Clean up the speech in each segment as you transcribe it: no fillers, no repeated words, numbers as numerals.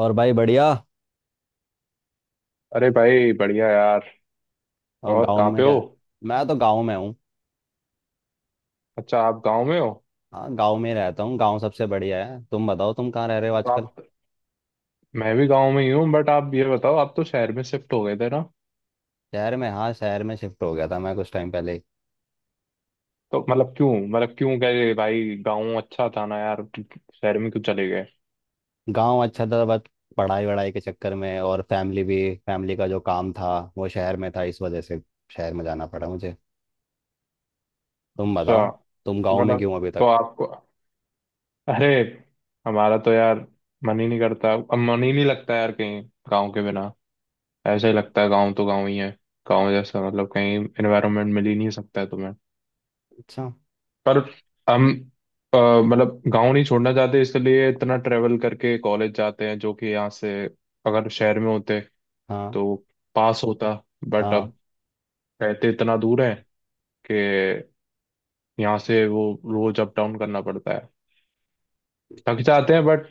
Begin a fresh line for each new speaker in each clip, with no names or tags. और भाई बढ़िया।
अरे भाई बढ़िया यार।
और
और
गांव
कहाँ
में
पे
क्या?
हो?
मैं तो गांव में हूँ।
अच्छा, आप गांव में हो।
हाँ, गांव में ही रहता हूँ। गांव सबसे बढ़िया है। तुम बताओ, तुम कहाँ रह रहे हो
तो
आजकल?
आप मैं भी गांव में ही हूँ, बट आप ये बताओ, आप तो शहर में शिफ्ट हो गए थे ना?
शहर में, हाँ, शहर में शिफ्ट हो गया था मैं कुछ टाइम पहले।
तो मतलब क्यों, गए भाई, गांव अच्छा था ना यार? शहर में क्यों चले गए?
गांव अच्छा था बस। पढ़ाई वढ़ाई के चक्कर में और फैमिली भी। फैमिली का जो काम था वो शहर में था, इस वजह से शहर में जाना पड़ा मुझे। तुम
अच्छा
बताओ, तुम गांव
तो
में
मतलब
क्यों अभी
तो
तक?
आपको अरे, हमारा तो यार मन ही नहीं करता, अब मन ही नहीं लगता यार, कहीं गांव के बिना। ऐसा ही लगता है, गांव तो गांव ही है। गांव जैसा मतलब कहीं एनवायरनमेंट मिल ही नहीं सकता है तुम्हें।
अच्छा।
पर हम मतलब गांव नहीं छोड़ना चाहते इसलिए इतना ट्रेवल करके कॉलेज जाते हैं, जो कि यहाँ से अगर शहर में होते
हाँ।
तो पास होता, बट
हाँ।
अब रहते इतना दूर है कि यहाँ से वो रोज अप डाउन करना पड़ता है। थक जाते हैं बट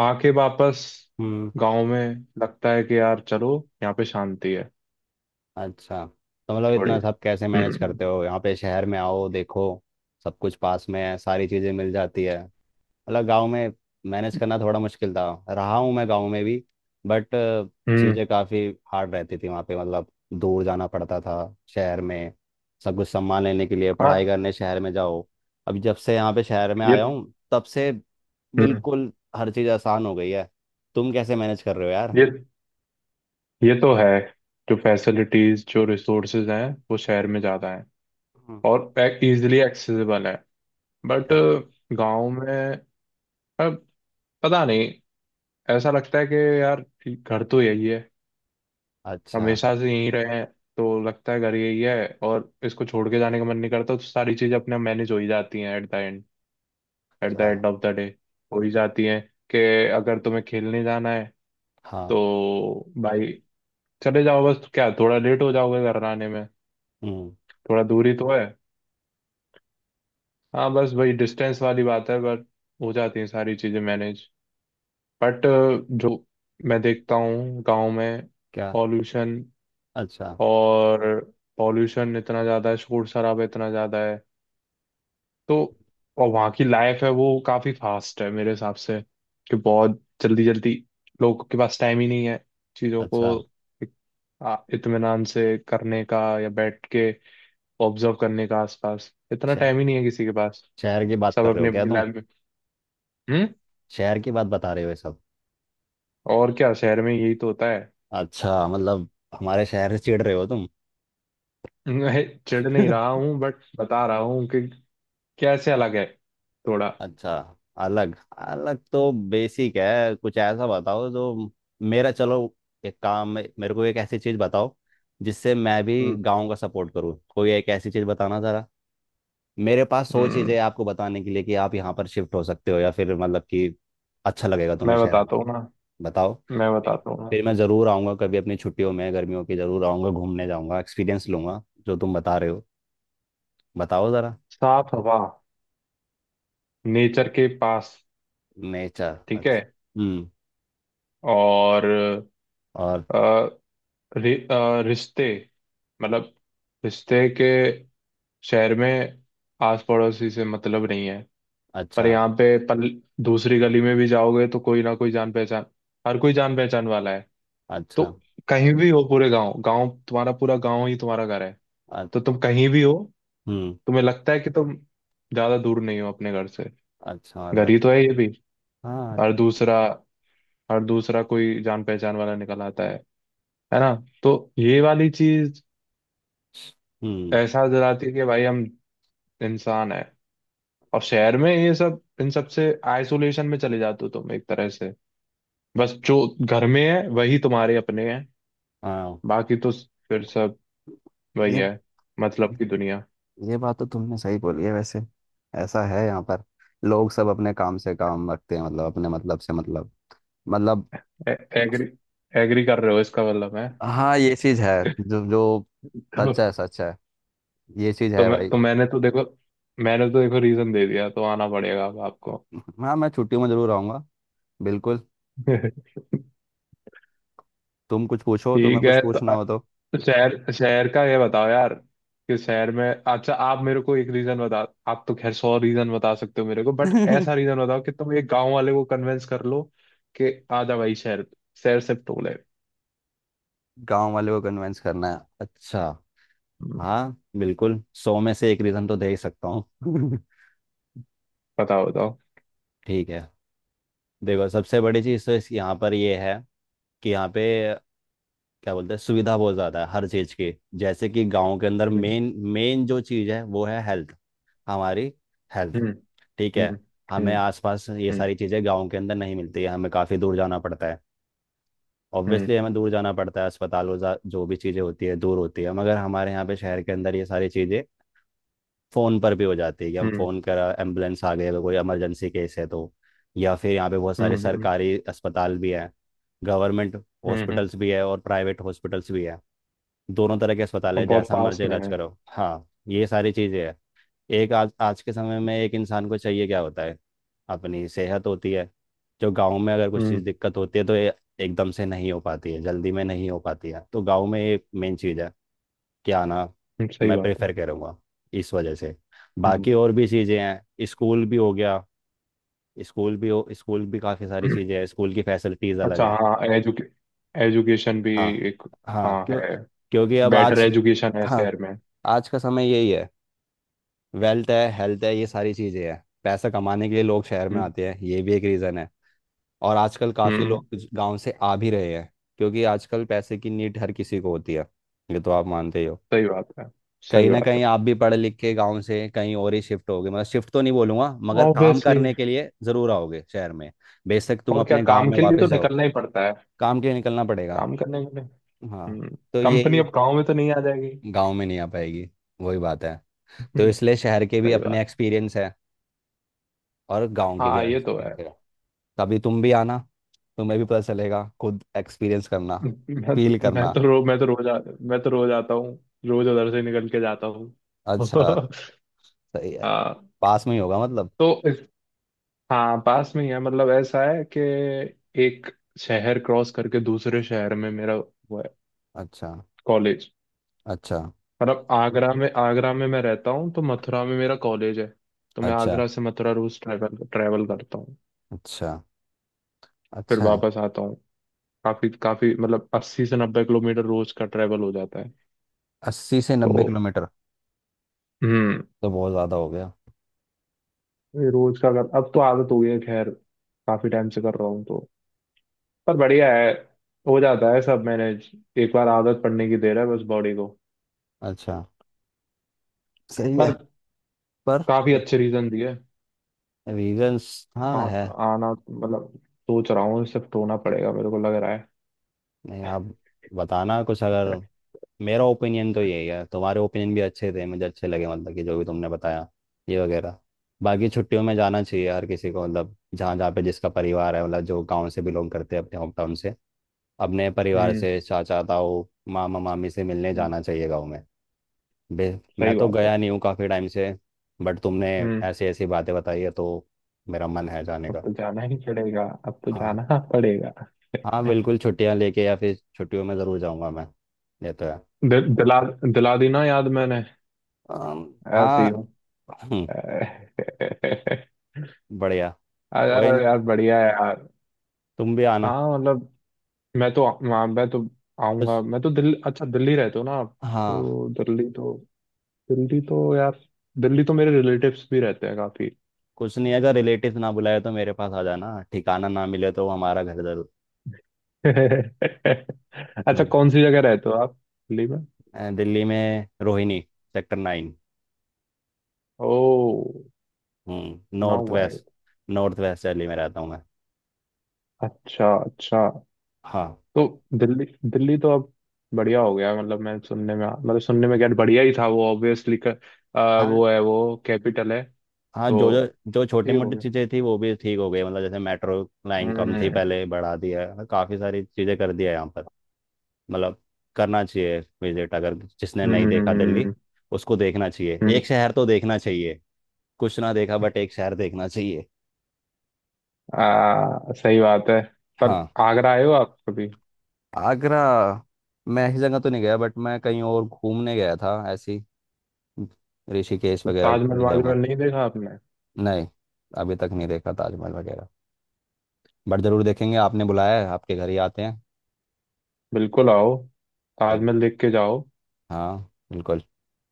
आके वापस
हम्म।
गांव में लगता है कि यार चलो, यहाँ पे शांति है।
अच्छा, तो मतलब
थोड़ी।
इतना सब कैसे मैनेज
हम्म।
करते हो? यहाँ पे शहर में आओ देखो, सब कुछ पास में है, सारी चीज़ें मिल जाती है। मतलब गांव में मैनेज करना थोड़ा मुश्किल था। रहा हूँ मैं गांव में भी, बट
हम्म।
चीज़ें काफ़ी हार्ड रहती थी वहाँ पे। मतलब दूर जाना पड़ता था शहर में, सब कुछ सम्मान लेने के लिए,
हाँ।
पढ़ाई करने शहर में जाओ। अब जब से यहाँ पे शहर में
ये।
आया हूँ तब से
हम्म।
बिल्कुल हर चीज़ आसान हो गई है। तुम कैसे मैनेज कर रहे हो यार?
ये ये तो है। जो फैसिलिटीज, जो रिसोर्सेज हैं वो शहर में ज़्यादा हैं
हम्म,
और इजीली एक्सेसिबल है, बट
yeah।
गांव में अब पता नहीं, ऐसा लगता है कि यार घर तो यही है।
अच्छा।
हमेशा से यहीं रहे हैं, तो लगता है घर यही है और इसको छोड़ के जाने का मन नहीं करता, तो सारी चीज़ें अपने मैनेज हो ही जाती हैं at the end. At the
अच्छा।
एंड ऑफ द डे हो ही जाती हैं। कि अगर तुम्हें खेलने जाना है तो
हाँ।
भाई चले जाओ, बस क्या, थोड़ा लेट हो जाओगे घर आने में,
हम्म।
थोड़ा दूरी तो है। हाँ, बस वही डिस्टेंस वाली बात है, बट हो जाती हैं सारी चीज़ें मैनेज। बट जो मैं देखता हूँ गांव में,
क्या?
पॉल्यूशन,
अच्छा।
और पॉल्यूशन इतना ज़्यादा है, शोर शराबा इतना ज़्यादा है। तो और वहाँ की लाइफ है वो काफ़ी फास्ट है मेरे हिसाब से, कि बहुत जल्दी जल्दी लोगों के पास टाइम ही नहीं है चीज़ों को
अच्छा।
एक, इत्मीनान से करने का या बैठ के ऑब्जर्व करने का, आसपास इतना
शह-
टाइम ही नहीं है किसी के पास।
शहर की बात
सब
कर रहे हो
अपनी
क्या
अपनी
तुम?
लाइफ में। हम्म?
शहर की बात बता रहे हो ये सब?
और क्या, शहर में यही तो होता है।
अच्छा, मतलब हमारे शहर से चिढ़ रहे हो तुम?
मैं चिढ़ नहीं रहा हूँ बट बता रहा हूँ कि कैसे अलग है थोड़ा।
अच्छा। अलग अलग तो बेसिक है, कुछ ऐसा बताओ जो। मेरा चलो, एक काम है, मेरे को एक ऐसी चीज बताओ जिससे मैं भी
हम्म।
गांव का सपोर्ट करूँ। कोई एक ऐसी चीज बताना जरा। मेरे पास 100 चीजें
हम्म।
हैं आपको बताने के लिए कि आप यहाँ पर शिफ्ट हो सकते हो, या फिर मतलब कि अच्छा लगेगा तुम्हें
मैं
शहर आने
बताता
के
हूँ
लिए।
ना,
बताओ।
मैं
फिर
बताता हूँ ना।
फिर मैं ज़रूर आऊँगा कभी अपनी छुट्टियों में, गर्मियों की ज़रूर आऊँगा, घूमने जाऊँगा, एक्सपीरियंस लूंगा जो तुम बता रहे हो। बताओ ज़रा।
साफ हवा, नेचर के पास।
नेचर,
ठीक है।
अच्छा। हम्म।
और
और?
अ, रिश्ते, मतलब रिश्ते के। शहर में आस पड़ोसी से मतलब नहीं है, पर
अच्छा।
यहाँ पे पल दूसरी गली में भी जाओगे तो कोई ना कोई जान पहचान, हर कोई जान पहचान वाला है। तो
अच्छा।
कहीं भी हो पूरे गांव, गांव तुम्हारा, पूरा गांव ही तुम्हारा घर है।
अ-
तो तुम कहीं भी हो,
हम्म।
तुम्हें लगता है कि तुम ज्यादा दूर नहीं हो अपने घर से,
अच्छा,
घर ही
मतलब।
तो है ये भी।
हाँ।
और दूसरा, कोई जान पहचान वाला निकल आता है ना? तो ये वाली चीज
हम्म।
एहसास दिलाती है कि भाई हम इंसान है, और शहर में ये सब, इन सब से आइसोलेशन में चले जाते हो तुम एक तरह से। बस जो घर में है वही तुम्हारे अपने हैं,
हाँ।
बाकी तो फिर सब वही
ये
है, मतलब की दुनिया।
ये बात तो तुमने सही बोली है वैसे। ऐसा है यहाँ पर, लोग सब अपने काम से काम रखते हैं, मतलब अपने मतलब से मतलब। मतलब।
ए- एग्री एग्री कर रहे हो, इसका मतलब है।
हाँ, ये चीज है जो जो
तो,
सच है, सच है। ये चीज है भाई।
मैंने तो देखो, रीजन दे दिया, तो आना पड़ेगा अब आपको।
हाँ, मैं छुट्टियों में जरूर आऊंगा, बिल्कुल। तुम कुछ पूछो, तुम्हें
ठीक
कुछ
है, तो
पूछना
अ-
हो तो।
शहर शहर का ये बताओ यार, कि शहर में, अच्छा आप मेरे को एक रीजन बता। आप तो खैर 100 रीजन बता सकते हो मेरे को, बट ऐसा रीजन बताओ कि तुम एक गांव वाले को कन्विंस कर लो कि आ जा भाई शहर, शिफ्ट हो ले।
गांव वाले को कन्विंस करना है, अच्छा।
हम्म।
हाँ बिल्कुल, 100 में से 1 रीज़न तो दे ही सकता हूँ।
बताओ बताओ।
ठीक है, देखो सबसे बड़ी चीज़ तो इस यहाँ पर ये है कि यहाँ पे क्या बोलते हैं, सुविधा बहुत ज़्यादा है हर चीज़ की। जैसे कि गांव के अंदर
हम्म।
मेन, मेन जो चीज़ है वो है हेल्थ, हमारी हेल्थ।
हम्म।
ठीक
हम्म।
है। हमें
हम्म।
आसपास ये सारी चीज़ें गांव के अंदर नहीं मिलती है, हमें काफ़ी दूर जाना पड़ता है।
हम्म।
ऑब्वियसली हमें दूर जाना पड़ता है, अस्पताल जो भी चीज़ें होती है दूर होती है, मगर हमारे यहाँ पे शहर के अंदर ये सारी चीज़ें फोन पर भी हो जाती है, कि हम
हम्म।
फोन करा एम्बुलेंस आ गई, अगर कोई इमरजेंसी केस है तो। या फिर यहाँ पे बहुत
हम्म।
सारे
हम्म। हम्म।
सरकारी अस्पताल भी हैं। गवर्नमेंट
हम्म।
हॉस्पिटल्स भी है और प्राइवेट हॉस्पिटल्स भी है। दोनों तरह के अस्पताल
और
है,
बहुत
जैसा
पास
मर्जी
में
इलाज
है।
करो। हाँ, ये सारी चीज़ें हैं। एक आज, आज के समय में एक इंसान को चाहिए क्या होता है, अपनी सेहत होती है। जो गांव में अगर कुछ चीज़
हम्म।
दिक्कत होती है तो ये एकदम से नहीं हो पाती है, जल्दी में नहीं हो पाती है, तो गांव में ये मेन चीज़ है क्या ना।
हम्म। सही
मैं
बात है।
प्रेफर करूँगा इस वजह से।
हम्म।
बाकी और भी चीज़ें हैं, स्कूल भी हो गया। स्कूल भी काफ़ी सारी चीज़ें हैं, स्कूल की फैसिलिटीज़ अलग
अच्छा,
हैं।
हाँ, एजुकेशन भी।
हाँ।
एक,
हाँ,
हाँ,
क्यों,
है।
क्योंकि अब
बेटर
आज।
एजुकेशन है
हाँ,
शहर में।
आज का समय यही है। वेल्थ है, हेल्थ है, ये सारी चीज़ें हैं, पैसा कमाने के लिए लोग शहर में
हम्म।
आते हैं, ये भी एक रीज़न है। और आजकल काफ़ी
हम्म।
लोग गांव से आ भी रहे हैं, क्योंकि आजकल पैसे की नीड हर किसी को होती है। ये तो आप मानते ही हो।
सही बात है।
कहीं
सही
ना
बात
कहीं
है।
आप भी पढ़ लिख के गांव से कहीं और ही शिफ्ट होगे, मतलब शिफ्ट तो नहीं बोलूंगा, मगर काम
ऑब्वियसली।
करने के लिए जरूर आओगे शहर में। बेशक तुम
और क्या,
अपने गांव
काम
में
के लिए
वापस
तो
जाओ।
निकलना ही पड़ता है।
काम के लिए निकलना पड़ेगा।
काम करने के लिए।
हाँ।
हम्म।
तो
कंपनी
यही।
अब गाँव में तो नहीं आ जाएगी।
गांव में नहीं आ पाएगी, वही बात है। तो
हम्म,
इसलिए शहर के भी
सही
अपने
बात।
एक्सपीरियंस है और गांव के भी
हाँ, ये तो
एक्सपीरियंस
है।
है। कभी तुम भी आना, तुम्हें भी पता चलेगा, खुद एक्सपीरियंस करना, फील
मैं
करना।
तो रो मैं तो मैं तो रोज आता हूँ। रोज उधर से निकल के जाता हूँ।
अच्छा। सही है।
हाँ।
पास में ही होगा मतलब।
तो हाँ, पास में ही है, मतलब ऐसा है कि एक शहर क्रॉस करके दूसरे शहर में मेरा वो है
अच्छा।
कॉलेज।
अच्छा।
मतलब आगरा में मैं रहता हूँ तो मथुरा में मेरा कॉलेज है। तो मैं
अच्छा।
आगरा से मथुरा रोज ट्रैवल ट्रैवल करता हूँ।
अच्छा।
फिर
अच्छा है।
वापस आता हूँ। काफी काफी मतलब 80 से 90 किलोमीटर रोज का ट्रैवल हो जाता है।
अस्सी से
तो
नब्बे किलोमीटर
हम्म।
तो बहुत ज़्यादा हो गया।
ये रोज का, अगर अब तो आदत हो गई है खैर, काफी टाइम से कर रहा हूँ तो, पर बढ़िया है। हो जाता है सब मैनेज। एक बार आदत पड़ने की देर है बस बॉडी को।
अच्छा। सही है।
पर
पर।
काफी
क्या?
अच्छे रीजन दिए।
रीजंस, हाँ है।
आना मतलब सोच रहा हूँ, शिफ्ट होना पड़ेगा मेरे को लग रहा है।
नहीं आप, बताना कुछ अगर। मेरा ओपिनियन तो यही है, तुम्हारे ओपिनियन भी अच्छे थे, मुझे अच्छे लगे मतलब कि जो भी तुमने बताया ये वगैरह। बाकी छुट्टियों में जाना चाहिए हर किसी को, मतलब जहाँ जहाँ पे जिसका परिवार है, मतलब जो गांव से बिलोंग करते हैं अपने होम टाउन से, अपने परिवार
हम्म।
से, चाचा ताऊ, मामा मामी से मिलने
हम्म,
जाना चाहिए गाँव में। बे- मैं
सही
तो
बात है।
गया नहीं हूँ काफ़ी टाइम से, बट तुमने
हम्म।
ऐसी ऐसी बातें बताई है तो मेरा मन है जाने
अब
का।
तो जाना ही पड़ेगा, अब तो
हाँ,
जाना पड़ेगा।
हाँ बिल्कुल, छुट्टियाँ लेके या फिर छुट्टियों में ज़रूर जाऊँगा मैं। ये तो है।
दि, दिला दिला दी ना याद मैंने। ऐसे
हाँ।
ही हूँ।
हम्म। बढ़िया। कोई
अरे
नहीं,
यार बढ़िया है यार।
तुम भी आना।
हाँ मतलब, मैं तो आ- मैं तो आऊंगा।
कुछ।
मैं तो दिल्ली अच्छा, दिल्ली रहते हो ना आप?
हाँ,
तो दिल्ली तो दिल्ली तो यार दिल्ली तो मेरे रिलेटिव्स भी रहते हैं काफी।
कुछ नहीं, अगर रिलेटिव ना बुलाए तो मेरे पास आ जाना, ठिकाना ना मिले तो हमारा घर जरूर।
अच्छा,
हम्म,
कौन सी जगह रहते हो आप, दिल्ली में?
दिल्ली में रोहिणी, सेक्टर 9।
ओ।
हम्म,
सुना
नॉर्थ
हुआ है।
वेस्ट। नॉर्थ वेस्ट दिल्ली में रहता हूँ मैं।
अच्छा, अच्छा।
हाँ।
तो दिल्ली दिल्ली तो अब बढ़िया हो गया, मतलब मैं सुनने में, क्या बढ़िया ही था वो, ऑब्वियसली कर, आ,
हाँ।
वो है वो कैपिटल है।
हाँ, जो
तो
जो, जो छोटी
ठीक हो
मोटी
गया।
चीज़ें थी वो भी ठीक हो गई, मतलब जैसे मेट्रो लाइन कम थी
हम्म।
पहले, बढ़ा दिया है, मतलब काफ़ी सारी चीज़ें कर दिया है यहाँ पर। मतलब करना चाहिए विजिट अगर। जिसने नहीं
हम्म।
देखा दिल्ली,
हम्म।
उसको देखना चाहिए,
हम्म।
एक शहर तो देखना चाहिए। कुछ ना देखा बट एक शहर देखना चाहिए।
सही बात है। पर
हाँ,
आगरा आए हो आप कभी?
आगरा। मैं ऐसी जगह तो नहीं गया, बट मैं कहीं और घूमने गया था, ऐसी ऋषिकेश
तो
वगैरह
ताजमहल
घूमने गया हूँ मैं।
वाजमहल नहीं देखा आपने?
नहीं, अभी तक नहीं देखा ताजमहल वगैरह, बट ज़रूर देखेंगे, आपने बुलाया है आपके घर ही आते
बिल्कुल आओ।
हैं।
ताजमहल देख के जाओ,
हाँ बिल्कुल।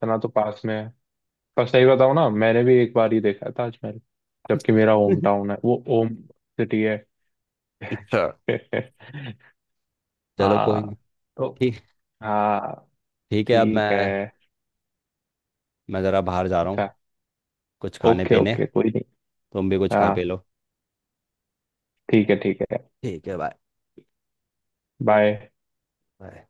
इतना तो पास में है। पर सही बताओ ना, मैंने भी एक बार ही देखा है ताजमहल, जबकि मेरा होम टाउन है वो, होम सिटी है।
अच्छा, चलो कोई
हाँ।
नहीं।
तो
ठीक।
हाँ।
ठीक है अब
ठीक है।
मैं ज़रा बाहर जा रहा
अच्छा,
हूँ, कुछ खाने
ओके,
पीने।
ओके, कोई नहीं।
तुम भी कुछ खा पी
हाँ,
लो।
ठीक है, ठीक है।
ठीक है, बाय।
बाय।
बाय।